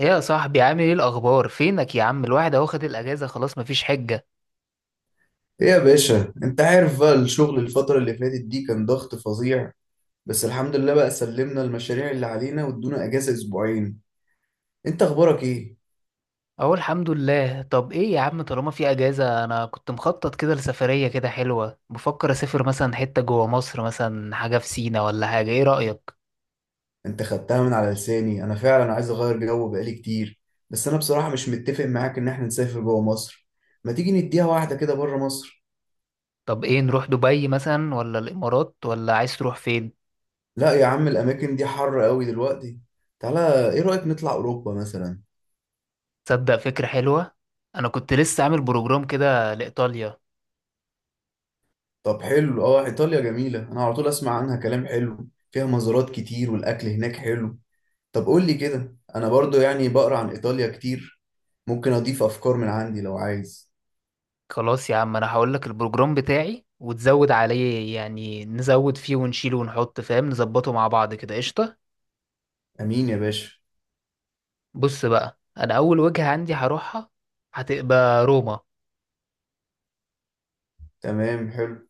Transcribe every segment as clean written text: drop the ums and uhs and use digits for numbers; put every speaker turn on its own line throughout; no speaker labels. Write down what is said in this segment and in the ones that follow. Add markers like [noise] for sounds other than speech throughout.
ايه يا صاحبي، عامل ايه الاخبار؟ فينك يا عم؟ الواحد اهو خد الاجازه، خلاص مفيش حجه.
ايه يا باشا، انت عارف بقى الشغل الفترة اللي فاتت دي كان ضغط فظيع. بس الحمد لله بقى سلمنا المشاريع اللي علينا وادونا اجازة اسبوعين. انت اخبارك ايه؟
اهو الحمد لله. طب ايه يا عم، طالما في اجازه، انا كنت مخطط كده لسفريه كده حلوه، بفكر اسافر مثلا حته جوه مصر، مثلا حاجه في سينا ولا حاجه، ايه رايك؟
انت خدتها من على لساني، انا فعلا عايز اغير جو بقالي كتير. بس انا بصراحة مش متفق معاك ان احنا نسافر جوه مصر. ما تيجي نديها واحدة كده بره مصر.
طب ايه، نروح دبي مثلا ولا الامارات، ولا عايز تروح فين؟
لا يا عم الاماكن دي حر قوي دلوقتي. تعالى ايه رأيك نطلع اوروبا مثلا؟
تصدق فكره حلوه. انا كنت لسه عامل بروجرام كده لايطاليا.
طب حلو اه، ايطاليا جميلة، انا على طول اسمع عنها كلام حلو، فيها مزارات كتير والاكل هناك حلو. طب قول لي كده، انا برضو يعني بقرا عن ايطاليا كتير، ممكن اضيف افكار من عندي لو عايز.
خلاص يا عم، انا هقول لك البروجرام بتاعي وتزود عليه، يعني نزود فيه ونشيله ونحط فاهم، نظبطه مع بعض كده، قشطه.
امين يا باشا.
بص بقى، انا اول وجهة عندي هروحها هتبقى روما.
تمام حلو.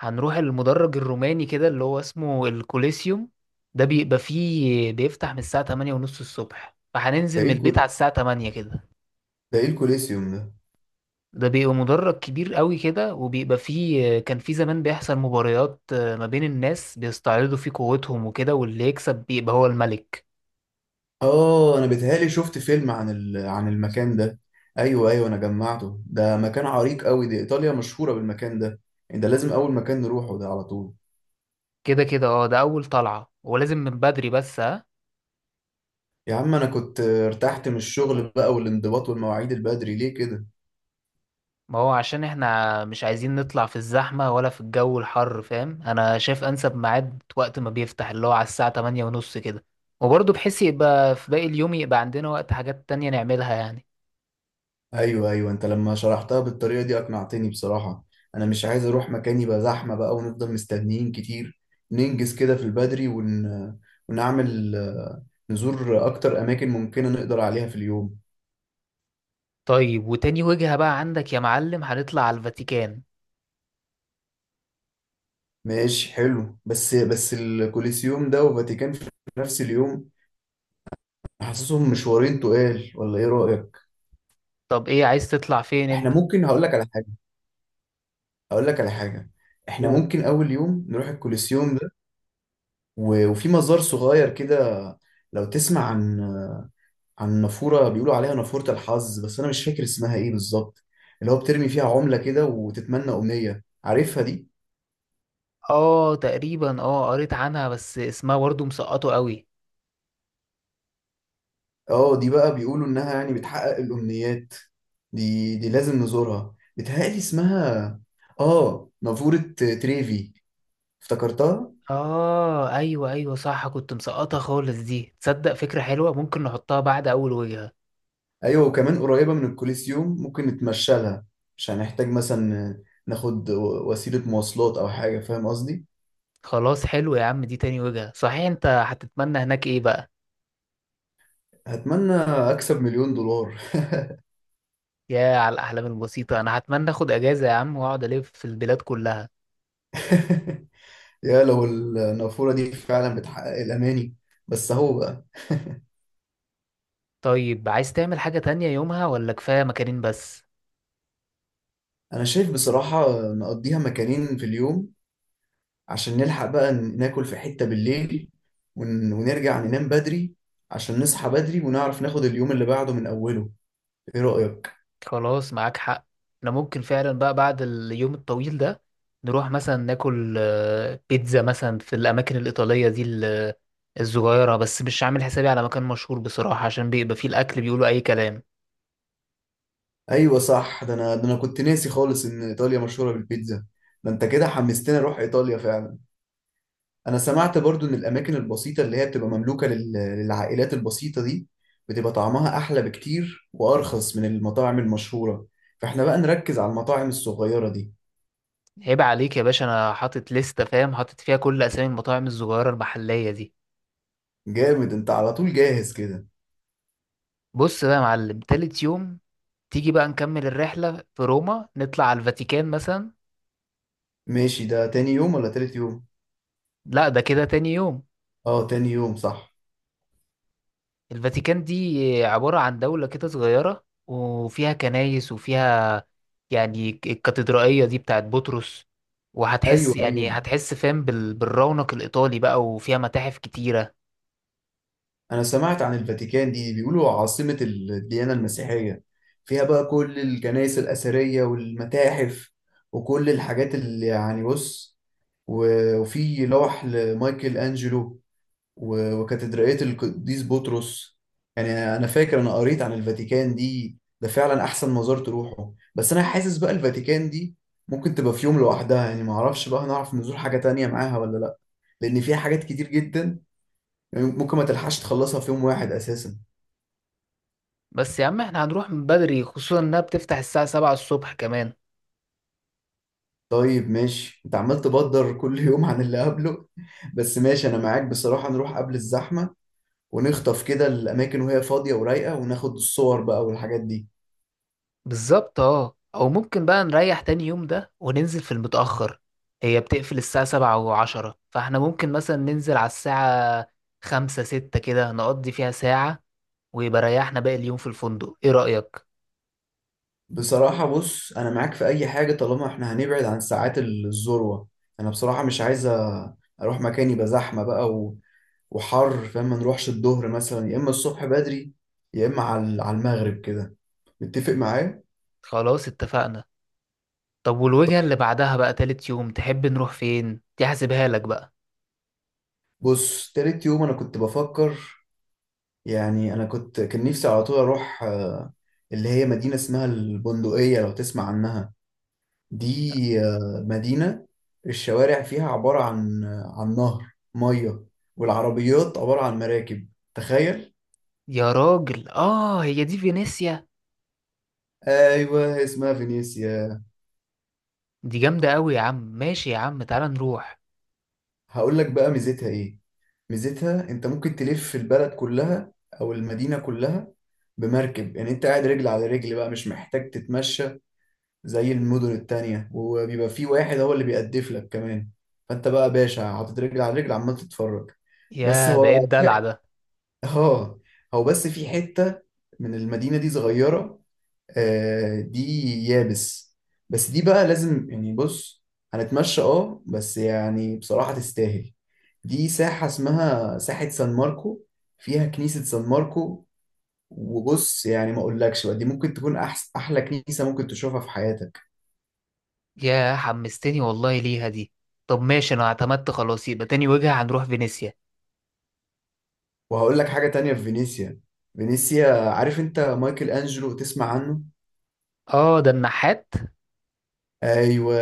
هنروح المدرج الروماني كده، اللي هو اسمه الكوليسيوم. ده بيبقى فيه، بيفتح من الساعة 8 ونص الصبح،
ده
فهننزل من
ايه
البيت على
الكل...
الساعة 8 كده.
ده ايه الكوليسيوم ده؟
ده بيبقى مدرج كبير قوي كده، وبيبقى فيه، كان فيه زمان بيحصل مباريات ما بين الناس بيستعرضوا فيه قوتهم وكده، واللي يكسب بيبقى هو الملك.
اه انا بيتهيألي شفت فيلم عن المكان ده. ايوه ايوه انا جمعته، ده مكان عريق قوي، دي ايطاليا مشهوره بالمكان ده. يعني ده لازم اول مكان نروحه ده على طول.
كده كده اه، ده اول طلعة ولازم من بدري، بس ها.
يا عم انا كنت ارتحت من الشغل بقى، والانضباط والمواعيد البدري ليه كده؟
ما هو عشان احنا مش عايزين نطلع في الزحمة ولا في الجو الحر، فاهم. انا شايف انسب ميعاد وقت ما بيفتح، اللي هو على الساعة 8 ونص كده. وبرضه بحيث يبقى في باقي اليوم، يبقى عندنا وقت حاجات تانية نعملها يعني.
ايوه ايوه، انت لما شرحتها بالطريقه دي اقنعتني بصراحه. انا مش عايز اروح مكان يبقى زحمه بقى ونفضل مستنيين كتير. ننجز كده في البدري، ونعمل نزور اكتر اماكن ممكنه نقدر عليها في اليوم.
طيب، وتاني وجهة بقى عندك يا معلم، هنطلع على الفاتيكان.
ماشي حلو. بس الكوليسيوم ده وفاتيكان في نفس اليوم، حاسسهم مشوارين تقال، ولا ايه رايك؟
طب ايه، عايز تطلع فين
احنا
انت؟
ممكن هقول لك على حاجه. هقول لك على حاجه: احنا
قول.
ممكن اول يوم نروح الكوليسيوم ده، وفي مزار صغير كده لو تسمع عن، عن نافورة بيقولوا عليها نافورة الحظ، بس أنا مش فاكر اسمها إيه بالظبط. اللي هو بترمي فيها عملة كده وتتمنى أمنية، عارفها دي؟
اه تقريبا، اه قريت عنها بس اسمها برضه مسقطه قوي.
آه، دي بقى بيقولوا إنها يعني بتحقق الأمنيات. دي لازم نزورها. بتهيألي اسمها آه، نافورة تريفي، افتكرتها؟
اه ايوه ايوه صح، كنت مسقطه خالص دي. تصدق فكرة حلوة، ممكن نحطها بعد اول وجهة.
أيوة وكمان قريبة من الكوليسيوم، ممكن نتمشى لها، مش هنحتاج مثلا ناخد وسيلة مواصلات أو حاجة، فاهم قصدي؟
خلاص حلو يا عم، دي تاني وجهة. صحيح، انت هتتمنى هناك ايه بقى؟
هتمنى أكسب مليون دولار.
يا على الاحلام البسيطة، انا هتمنى اخد اجازة يا عم واقعد الف في البلاد كلها.
[laughs] يا لو النافورة دي فعلا بتحقق الأماني. بس هو بقى،
طيب، عايز تعمل حاجة تانية يومها ولا كفاية مكانين بس؟
أنا شايف بصراحة نقضيها مكانين في اليوم، عشان نلحق بقى ناكل في حتة بالليل، ونرجع ننام بدري، عشان نصحى بدري ونعرف ناخد اليوم اللي بعده من أوله. إيه رأيك؟
خلاص معاك حق. احنا ممكن فعلا بقى بعد اليوم الطويل ده، نروح مثلا ناكل بيتزا مثلا، في الاماكن الايطالية دي، الصغيرة، بس مش عامل حسابي على مكان مشهور بصراحة، عشان بيبقى فيه الاكل بيقولوا اي كلام.
أيوة صح. ده أنا كنت ناسي خالص إن إيطاليا مشهورة بالبيتزا. ده أنت كده حمستني أروح إيطاليا فعلا. انا سمعت برضو ان الاماكن البسيطه اللي هي بتبقى مملوكه للعائلات البسيطه دي بتبقى طعمها احلى بكتير وارخص من المطاعم المشهوره، فاحنا بقى نركز على المطاعم الصغيره دي.
عيب عليك يا باشا، انا حاطط لستة فاهم، حاطط فيها كل اسامي المطاعم الصغيرة المحلية دي.
جامد، انت على طول جاهز كده.
بص بقى يا معلم، تالت يوم تيجي بقى نكمل الرحلة في روما، نطلع على الفاتيكان مثلا.
ماشي، ده تاني يوم ولا تالت يوم؟
لا ده كده تاني يوم.
اه تاني يوم صح.
الفاتيكان دي عبارة عن دولة كده صغيرة، وفيها كنايس، وفيها يعني الكاتدرائية دي بتاعت بطرس، وهتحس
ايوه
يعني
ايوه،
هتحس فاهم بالرونق الإيطالي بقى، وفيها متاحف كتيرة.
أنا سمعت عن الفاتيكان دي بيقولوا عاصمة الديانة المسيحية، فيها بقى كل الكنائس الأثرية والمتاحف، وكل الحاجات اللي يعني بص، وفي لوح لمايكل أنجلو، وكاتدرائية القديس بطرس يعني. أنا فاكر أنا قريت عن الفاتيكان دي ده فعلا أحسن مزار تروحه، بس أنا حاسس بقى الفاتيكان دي ممكن تبقى في يوم لوحدها. يعني معرفش بقى هنعرف نزور حاجة تانية معاها ولا لأ، لأن فيها حاجات كتير جدا، يعني ممكن ما تلحقش تخلصها في يوم واحد اساسا.
بس يا عم، احنا هنروح من بدري، خصوصا انها بتفتح الساعة 7 الصبح كمان.
طيب ماشي، انت عمال تبدر كل [laughs] يوم عن اللي قبله. بس ماشي انا معاك بصراحة، نروح قبل الزحمة ونخطف كده الاماكن وهي فاضية ورايقة، وناخد الصور بقى والحاجات دي.
بالظبط اه، او ممكن بقى نريح تاني يوم ده وننزل في المتأخر. هي بتقفل الساعة سبعة وعشرة، فاحنا ممكن مثلا ننزل على الساعة خمسة ستة كده، نقضي فيها ساعة، ويبقى ريحنا باقي اليوم في الفندق، ايه رأيك؟
بصراحة بص انا معاك في اي حاجة طالما احنا هنبعد عن ساعات الذروة. انا بصراحة مش عايز اروح مكان يبقى زحمة بقى وحر، فاهم؟ ما نروحش الظهر مثلا، يا اما الصبح بدري، يا اما على المغرب كده، متفق معايا؟
خلاص اتفقنا. طب، والوجهة اللي بعدها بقى تالت يوم تحب نروح فين؟ دي هحسبها لك بقى.
بص تالت يوم انا كنت بفكر، يعني انا كنت كان نفسي على طول اروح اللي هي مدينة اسمها البندقية، لو تسمع عنها. دي مدينة الشوارع فيها عبارة عن، عن نهر مية، والعربيات عبارة عن مراكب، تخيل.
يا راجل اه، هي دي فينيسيا.
ايوه اسمها فينيسيا.
دي جامدة قوي يا عم، ماشي يا عم، تعالى نروح.
هقول لك بقى ميزتها ايه: ميزتها انت ممكن تلف البلد كلها او المدينة كلها بمركب، يعني انت قاعد رجل على رجل بقى مش محتاج تتمشى زي المدن التانية، وبيبقى في واحد هو اللي بيقدف لك كمان، فانت بقى باشا حاطط رجل على رجل عمال تتفرج. بس
يا بقيت
هو
دلع.
[laughs] اه، هو بس في حتة من المدينة دي صغيرة آه، دي يابس، بس دي بقى لازم يعني بص هنتمشى اه، بس يعني بصراحة تستاهل. دي ساحة اسمها ساحة سان ماركو، فيها كنيسة سان ماركو، وبص يعني ما اقولكش بقى دي ممكن تكون احلى كنيسة ممكن تشوفها في حياتك.
يا حمستني والله ليها دي. طب ماشي، انا اعتمدت خلاص، يبقى تاني وجهة هنروح فينيسيا.
وهقول لك حاجة تانية في فينيسيا: فينيسيا، عارف انت مايكل انجلو، تسمع عنه؟
اه ده النحات.
ايوه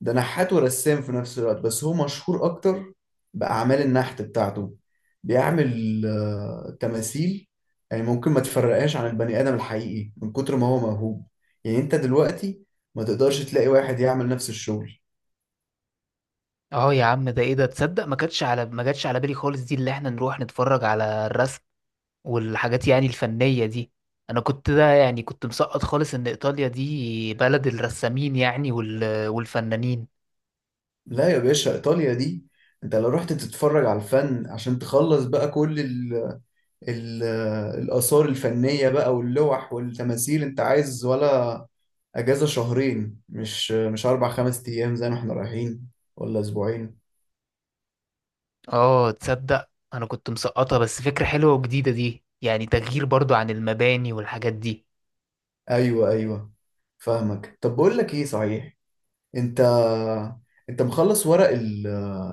ده نحات ورسام في نفس الوقت، بس هو مشهور اكتر بأعمال النحت بتاعته. بيعمل تماثيل يعني ممكن ما تفرقهاش عن البني آدم الحقيقي من كتر ما هو موهوب. يعني انت دلوقتي ما تقدرش تلاقي واحد يعمل نفس الشغل.
اه يا عم، ده ايه ده، تصدق ما كانتش، على ما جاتش على بالي خالص دي، اللي احنا نروح نتفرج على الرسم والحاجات يعني الفنية دي. انا كنت ده يعني كنت مسقط خالص ان ايطاليا دي بلد الرسامين يعني والفنانين.
لا يا باشا ايطاليا دي، انت لو رحت تتفرج على الفن عشان تخلص بقى كل ال- الآثار الفنية بقى واللوح والتماثيل، أنت عايز ولا أجازة شهرين، مش أربع خمس أيام زي ما إحنا رايحين ولا أسبوعين.
اه تصدق، انا كنت مسقطة، بس فكرة حلوة وجديدة دي، يعني تغيير برضو عن المباني والحاجات دي.
أيوه أيوه فاهمك. طب بقول لك إيه صحيح، أنت أنت مخلص ورق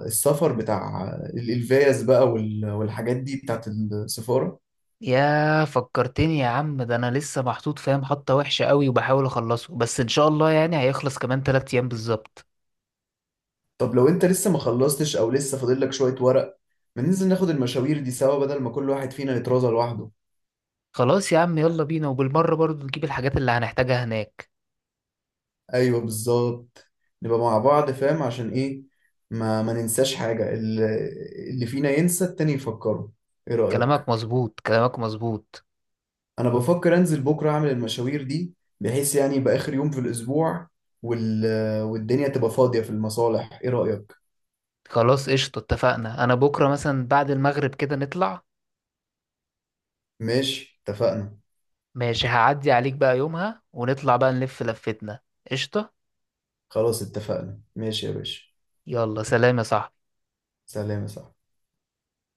السفر بتاع الفيز بقى والحاجات دي بتاعت السفارة؟
يا فكرتني يا عم، ده انا لسه محطوط فاهم حطة وحشة قوي وبحاول اخلصه، بس ان شاء الله يعني هيخلص كمان تلات ايام بالظبط.
طب لو أنت لسه ما خلصتش أو لسه فاضل لك شوية ورق، ما ننزل ناخد المشاوير دي سوا بدل ما كل واحد فينا يترازل لوحده.
خلاص يا عم يلا بينا، وبالمرة برضو نجيب الحاجات اللي هنحتاجها هناك.
ايوه بالظبط، نبقى مع بعض فاهم عشان ايه، ما ننساش حاجة، اللي فينا ينسى التاني يفكره، ايه رأيك؟
كلامك مظبوط، كلامك مظبوط.
انا بفكر انزل بكرة اعمل المشاوير دي، بحيث يعني يبقى اخر يوم في الاسبوع وال... والدنيا تبقى فاضية في المصالح، ايه رأيك؟
خلاص قشطة اتفقنا، انا بكرة مثلا بعد المغرب كده نطلع.
ماشي اتفقنا.
ماشي، هعدي عليك بقى يومها ونطلع بقى نلف لفتنا. قشطة.
خلاص اتفقنا ماشي يا باشا.
يلا سلام يا صاحبي.
سلام يا صاحبي.